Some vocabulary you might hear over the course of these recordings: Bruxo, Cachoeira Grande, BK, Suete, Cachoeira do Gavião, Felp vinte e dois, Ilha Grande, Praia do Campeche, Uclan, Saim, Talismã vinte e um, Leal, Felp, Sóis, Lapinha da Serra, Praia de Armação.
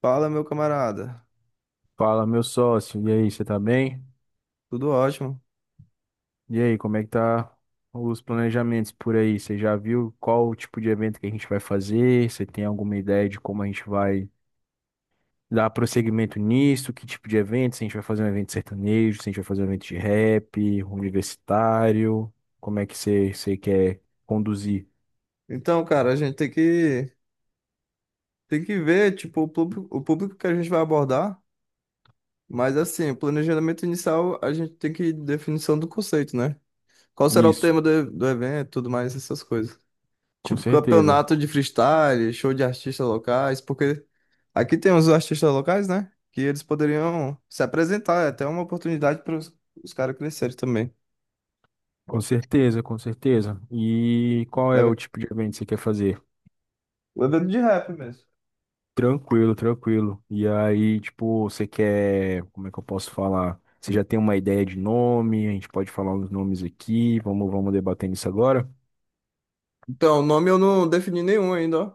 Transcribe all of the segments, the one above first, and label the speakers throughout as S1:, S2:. S1: Fala, meu camarada.
S2: Fala, meu sócio. E aí, você tá bem?
S1: Tudo ótimo.
S2: E aí, como é que tá os planejamentos por aí? Você já viu qual o tipo de evento que a gente vai fazer? Você tem alguma ideia de como a gente vai dar prosseguimento nisso? Que tipo de evento? Se a gente vai fazer um evento sertanejo, se a gente vai fazer um evento de rap, universitário, como é que você quer conduzir
S1: Então, cara, a gente tem que ver, tipo, o público que a gente vai abordar, mas assim, o planejamento inicial, a gente tem que definição do conceito, né? Qual será o
S2: isso?
S1: tema do evento, tudo mais essas coisas.
S2: Com
S1: Tipo,
S2: certeza,
S1: campeonato de freestyle, show de artistas locais, porque aqui tem os artistas locais, né? Que eles poderiam se apresentar, é até uma oportunidade para os caras crescerem também,
S2: com certeza, com certeza. E qual é
S1: né?
S2: o tipo de evento que você quer fazer?
S1: O evento de rap mesmo.
S2: Tranquilo, tranquilo. E aí, tipo, você quer, como é que eu posso falar? Você já tem uma ideia de nome? A gente pode falar uns nomes aqui. Vamos debatendo isso agora.
S1: Então, o nome eu não defini nenhum ainda, ó.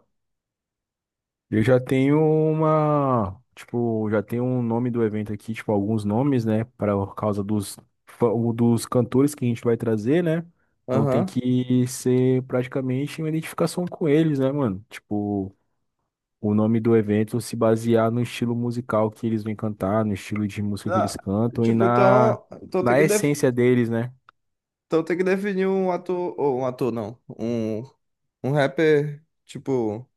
S2: Eu já tenho uma, tipo, já tenho um nome do evento aqui, tipo, alguns nomes, né, para causa dos fa- dos cantores que a gente vai trazer, né? Então tem
S1: Aham.
S2: que ser praticamente uma identificação com eles, né, mano? Tipo, o nome do evento se basear no estilo musical que eles vêm cantar, no estilo de música que
S1: Ah,
S2: eles cantam e
S1: tipo,
S2: na,
S1: então, então tem
S2: na
S1: que, def-
S2: essência deles, né?
S1: então tem que definir um ator, ou um ator não, um rapper, tipo,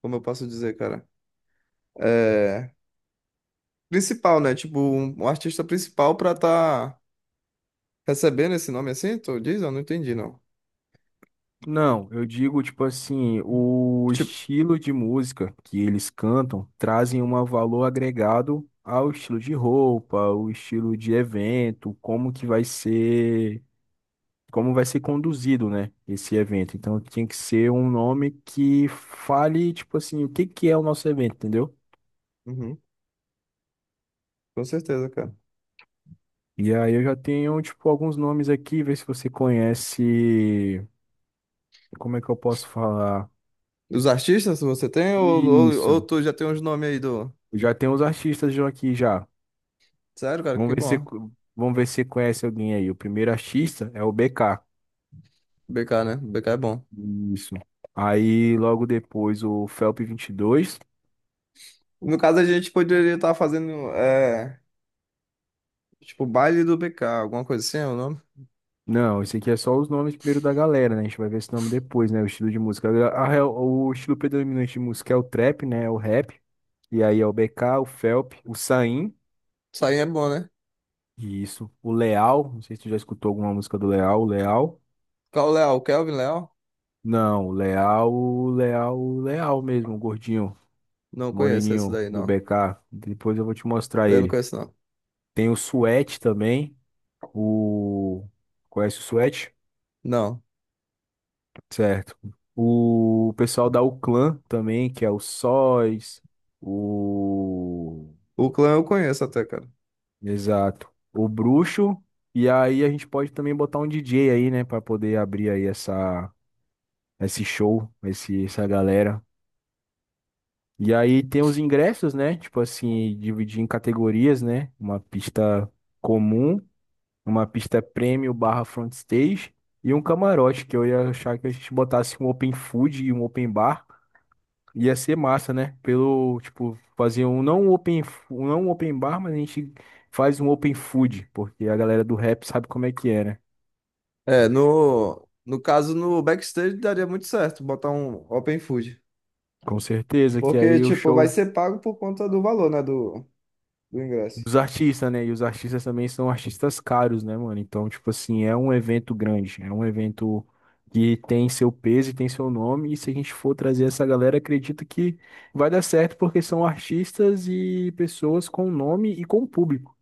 S1: como eu posso dizer, cara? É, principal, né? Tipo, um artista principal pra tá recebendo esse nome assim, tu diz? Eu não entendi, não.
S2: Não, eu digo tipo assim, o
S1: Tipo,
S2: estilo de música que eles cantam trazem um valor agregado ao estilo de roupa, ao estilo de evento, como que vai ser, como vai ser conduzido, né, esse evento. Então tem que ser um nome que fale tipo assim, o que que é o nosso evento, entendeu?
S1: uhum, com certeza, cara.
S2: E aí eu já tenho, tipo, alguns nomes aqui, ver se você conhece. Como é que eu posso falar?
S1: Os artistas você tem ou
S2: Isso.
S1: tu já tem uns nomes aí do...
S2: Já tem os artistas já aqui já.
S1: Sério, cara,
S2: Vamos
S1: que
S2: ver se
S1: bom.
S2: vamos ver se você conhece alguém aí. O primeiro artista é o BK.
S1: BK, né? BK é bom.
S2: Isso. Aí logo depois o Felp 22.
S1: No caso, a gente poderia estar fazendo, é, tipo, baile do BK, alguma coisa assim, é o nome?
S2: Não, esse aqui é só os nomes primeiro da galera, né? A gente vai ver esse nome depois, né? O estilo de música. O estilo predominante de música é o trap, né? É o rap. E aí é o BK, o Felp, o Saim.
S1: Isso aí é bom, né?
S2: Isso. O Leal, não sei se tu já escutou alguma música do Leal. O Leal?
S1: Qual o Léo? Kelvin Léo?
S2: Não, o Leal, o Leal, o Leal mesmo, o gordinho,
S1: Não conheço esse
S2: moreninho
S1: daí,
S2: do
S1: não.
S2: BK. Depois eu vou te mostrar
S1: Daí eu não
S2: ele.
S1: conheço, não.
S2: Tem o Suete também. O. Conhece o Suete?
S1: Não.
S2: Certo. O pessoal da Uclan também, que é o Sóis, o.
S1: O clã eu conheço até, cara.
S2: Exato. O Bruxo. E aí a gente pode também botar um DJ aí, né, pra poder abrir aí essa. Esse show, essa galera. E aí tem os ingressos, né? Tipo assim, dividir em categorias, né? Uma pista comum, uma pista premium barra front stage e um camarote, que eu ia achar que a gente botasse um open food e um open bar. Ia ser massa, né? Pelo, tipo, fazer um não um open, não um open bar, mas a gente faz um open food, porque a galera do rap sabe como é que é, né?
S1: É, no caso, no backstage daria muito certo botar um open food.
S2: Com certeza que
S1: Porque,
S2: aí o
S1: tipo, vai
S2: show
S1: ser pago por conta do valor, né, do ingresso.
S2: dos artistas, né? E os artistas também são artistas caros, né, mano? Então, tipo assim, é um evento grande, é um evento que tem seu peso e tem seu nome. E se a gente for trazer essa galera, acredito que vai dar certo, porque são artistas e pessoas com nome e com público,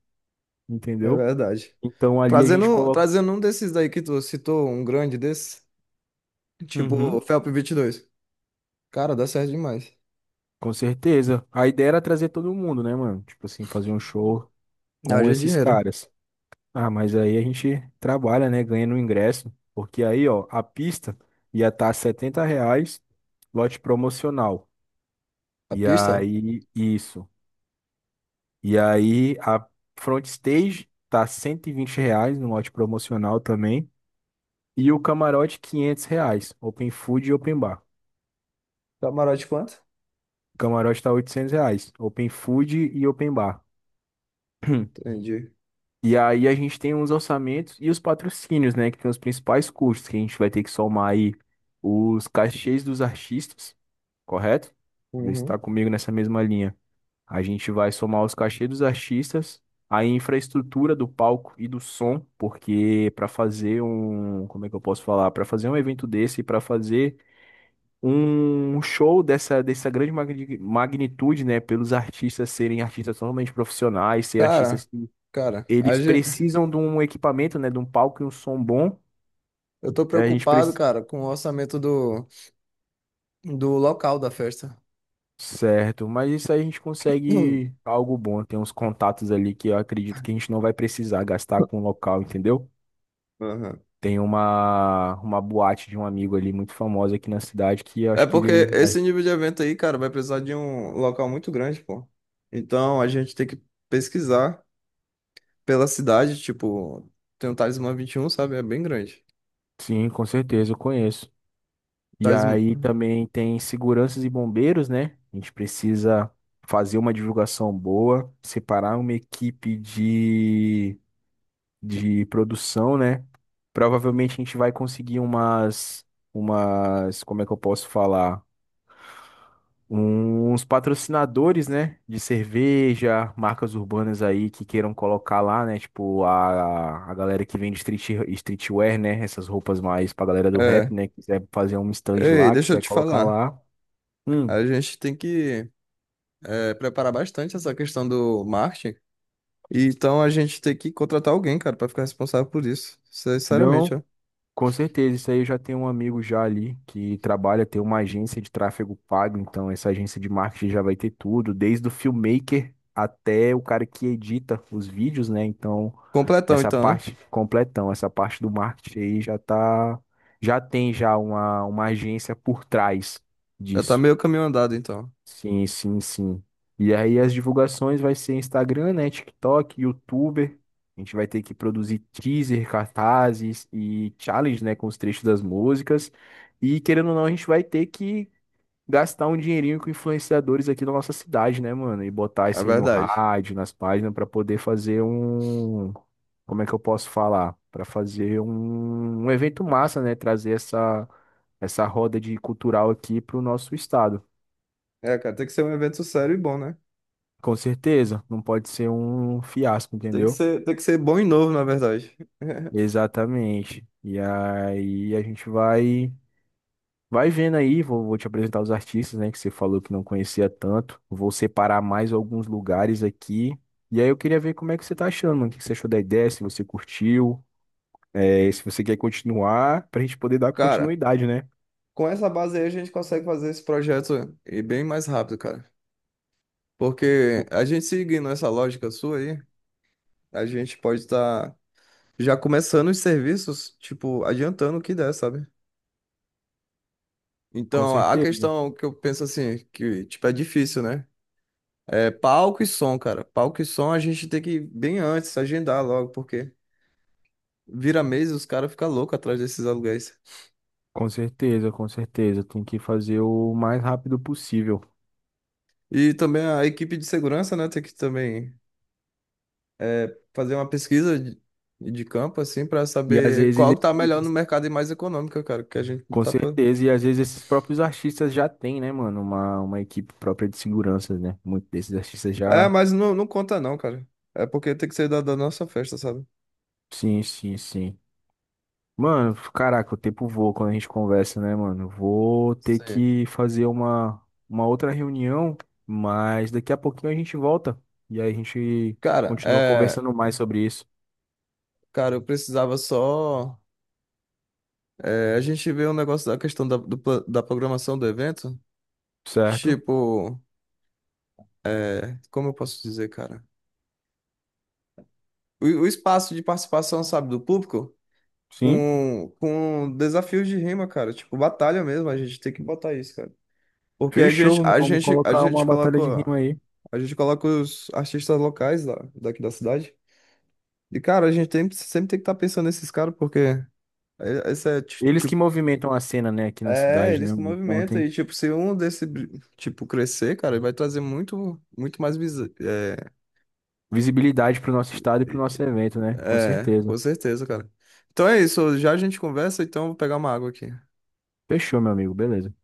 S1: É
S2: entendeu?
S1: verdade.
S2: Então, ali a gente
S1: Trazendo,
S2: coloca.
S1: trazendo um desses daí que tu citou, um grande desse, tipo,
S2: Uhum,
S1: Felp 22. Cara, dá certo demais.
S2: com certeza. A ideia era trazer todo mundo, né, mano? Tipo assim, fazer um show com
S1: Haja
S2: esses
S1: dinheiro.
S2: caras. Ah, mas aí a gente trabalha, né? Ganha no ingresso. Porque aí, ó, a pista ia estar tá R$ 70, lote promocional.
S1: A
S2: E
S1: pista?
S2: aí, isso. E aí, a front stage tá R$ 120 no lote promocional também. E o camarote, R$ 500. Open food e open bar.
S1: Camarote quanto?
S2: O camarote tá R$ 800. Open food e open bar.
S1: Entendi.
S2: E aí a gente tem os orçamentos e os patrocínios, né? Que tem os principais custos, que a gente vai ter que somar aí os cachês dos artistas, correto? Vê se
S1: Uhum.
S2: está comigo nessa mesma linha. A gente vai somar os cachês dos artistas, a infraestrutura do palco e do som, porque para fazer um, como é que eu posso falar? Para fazer um evento desse, para fazer um show dessa grande magnitude, né? Pelos artistas serem artistas totalmente profissionais, ser
S1: Cara,
S2: artistas
S1: cara, a
S2: eles
S1: ge-
S2: precisam de um equipamento, né? De um palco e um som bom.
S1: eu tô
S2: É, a gente
S1: preocupado,
S2: precisa.
S1: cara, com o orçamento do local da festa.
S2: Certo, mas isso aí a gente
S1: Hum.
S2: consegue algo bom. Tem uns contatos ali que eu acredito que a gente não vai precisar gastar com o local, entendeu?
S1: Aham.
S2: Tem uma boate de um amigo ali muito famosa aqui na cidade que eu
S1: É
S2: acho que
S1: porque
S2: ele.
S1: esse nível de evento aí, cara, vai precisar de um local muito grande, pô. Então a gente tem que pesquisar pela cidade, tipo, tem o Talismã vinte e um, sabe? É bem grande.
S2: Sim, com certeza, eu conheço. E aí
S1: Talismã.
S2: também tem seguranças e bombeiros, né? A gente precisa fazer uma divulgação boa, separar uma equipe de produção, né? Provavelmente a gente vai conseguir umas, como é que eu posso falar? Uns patrocinadores, né? De cerveja, marcas urbanas aí que queiram colocar lá, né? Tipo, a galera que vende streetwear, né? Essas roupas mais pra galera do rap,
S1: É.
S2: né? Quiser fazer um stand
S1: Ei,
S2: lá,
S1: deixa eu
S2: quiser
S1: te
S2: colocar
S1: falar.
S2: lá. Hum,
S1: A gente tem que é, preparar bastante essa questão do marketing. E então a gente tem que contratar alguém, cara, pra ficar responsável por isso. Sinceramente,
S2: não.
S1: ó.
S2: Com certeza, isso aí eu já tenho um amigo já ali que trabalha, tem uma agência de tráfego pago, então essa agência de marketing já vai ter tudo, desde o filmmaker até o cara que edita os vídeos, né? Então,
S1: Completão,
S2: essa
S1: então, né?
S2: parte completão, essa parte do marketing aí já tem já uma agência por trás
S1: Já tá
S2: disso.
S1: meio caminho andado, então.
S2: Sim, sim, sim. E aí as divulgações vai ser Instagram, né, TikTok, YouTuber. A gente vai ter que produzir teaser, cartazes e challenge, né, com os trechos das músicas. E querendo ou não, a gente vai ter que gastar um dinheirinho com influenciadores aqui da nossa cidade, né, mano? E botar
S1: É
S2: isso aí no
S1: verdade.
S2: rádio, nas páginas, para poder fazer um. Como é que eu posso falar? Para fazer um evento massa, né? Trazer essa roda de cultural aqui para o nosso estado.
S1: É, cara, tem que ser um evento sério e bom, né?
S2: Com certeza, não pode ser um fiasco,
S1: Tem que
S2: entendeu?
S1: ser, tem que ser bom e novo, na verdade.
S2: Exatamente. E aí a gente vai vendo aí, vou te apresentar os artistas, né, que você falou que não conhecia tanto. Vou separar mais alguns lugares aqui. E aí eu queria ver como é que você tá achando, mano, o que que você achou da ideia, se você curtiu, se você quer continuar, pra gente poder dar
S1: Cara,
S2: continuidade, né?
S1: com essa base aí a gente consegue fazer esse projeto e bem mais rápido, cara. Porque
S2: Co-
S1: a gente seguindo essa lógica sua aí, a gente pode estar já começando os serviços, tipo, adiantando o que der, sabe?
S2: Com
S1: Então, a
S2: certeza,
S1: questão que eu penso assim, que, tipo, é difícil, né? É palco e som, cara. Palco e som a gente tem que ir bem antes, agendar logo, porque vira mês e os caras ficam loucos atrás desses aluguéis.
S2: com certeza, com certeza. Tem que fazer o mais rápido possível.
S1: E também a equipe de segurança, né, tem que também é, fazer uma pesquisa de campo, assim, pra
S2: E às
S1: saber
S2: vezes
S1: qual que tá melhor no mercado e mais econômica, cara, que a gente
S2: Com
S1: tá pra...
S2: certeza, e às vezes esses próprios artistas já têm, né, mano, uma equipe própria de segurança, né? Muitos desses artistas
S1: É,
S2: já.
S1: mas não conta não, cara. É porque tem que ser da nossa festa, sabe?
S2: Sim, sim, sim. Mano, caraca, o tempo voa quando a gente conversa, né, mano? Vou ter
S1: Sim.
S2: que fazer uma outra reunião, mas daqui a pouquinho a gente volta e aí a gente
S1: Cara,
S2: continua
S1: é...
S2: conversando mais sobre isso,
S1: Cara, eu precisava só... é, a gente vê um negócio da questão da da programação do evento.
S2: certo?
S1: Tipo, é, como eu posso dizer, cara? O espaço de participação, sabe, do público
S2: Sim,
S1: com desafios de rima, cara. Tipo, batalha mesmo, a gente tem que botar isso, cara. Porque a
S2: fechou,
S1: gente,
S2: vamos,
S1: a
S2: vamos
S1: gente, a
S2: colocar uma
S1: gente
S2: batalha de
S1: coloca,
S2: rima aí.
S1: a gente coloca os artistas locais lá, daqui da cidade. E, cara, a gente tem, sempre tem que estar pensando nesses caras, porque é- esse é, ti-
S2: Eles que
S1: tipo,
S2: movimentam a cena, né, aqui na
S1: é,
S2: cidade, né?
S1: eles que
S2: Então
S1: movimentam. E,
S2: tem.
S1: tipo, se um desse, tipo, crescer, cara, ele vai trazer muito, muito mais.
S2: Visibilidade para o nosso estado e para o nosso evento, né? Com
S1: É, com
S2: certeza.
S1: certeza, cara. Então é isso. Já a gente conversa, então eu vou pegar uma água aqui.
S2: Fechou, meu amigo. Beleza.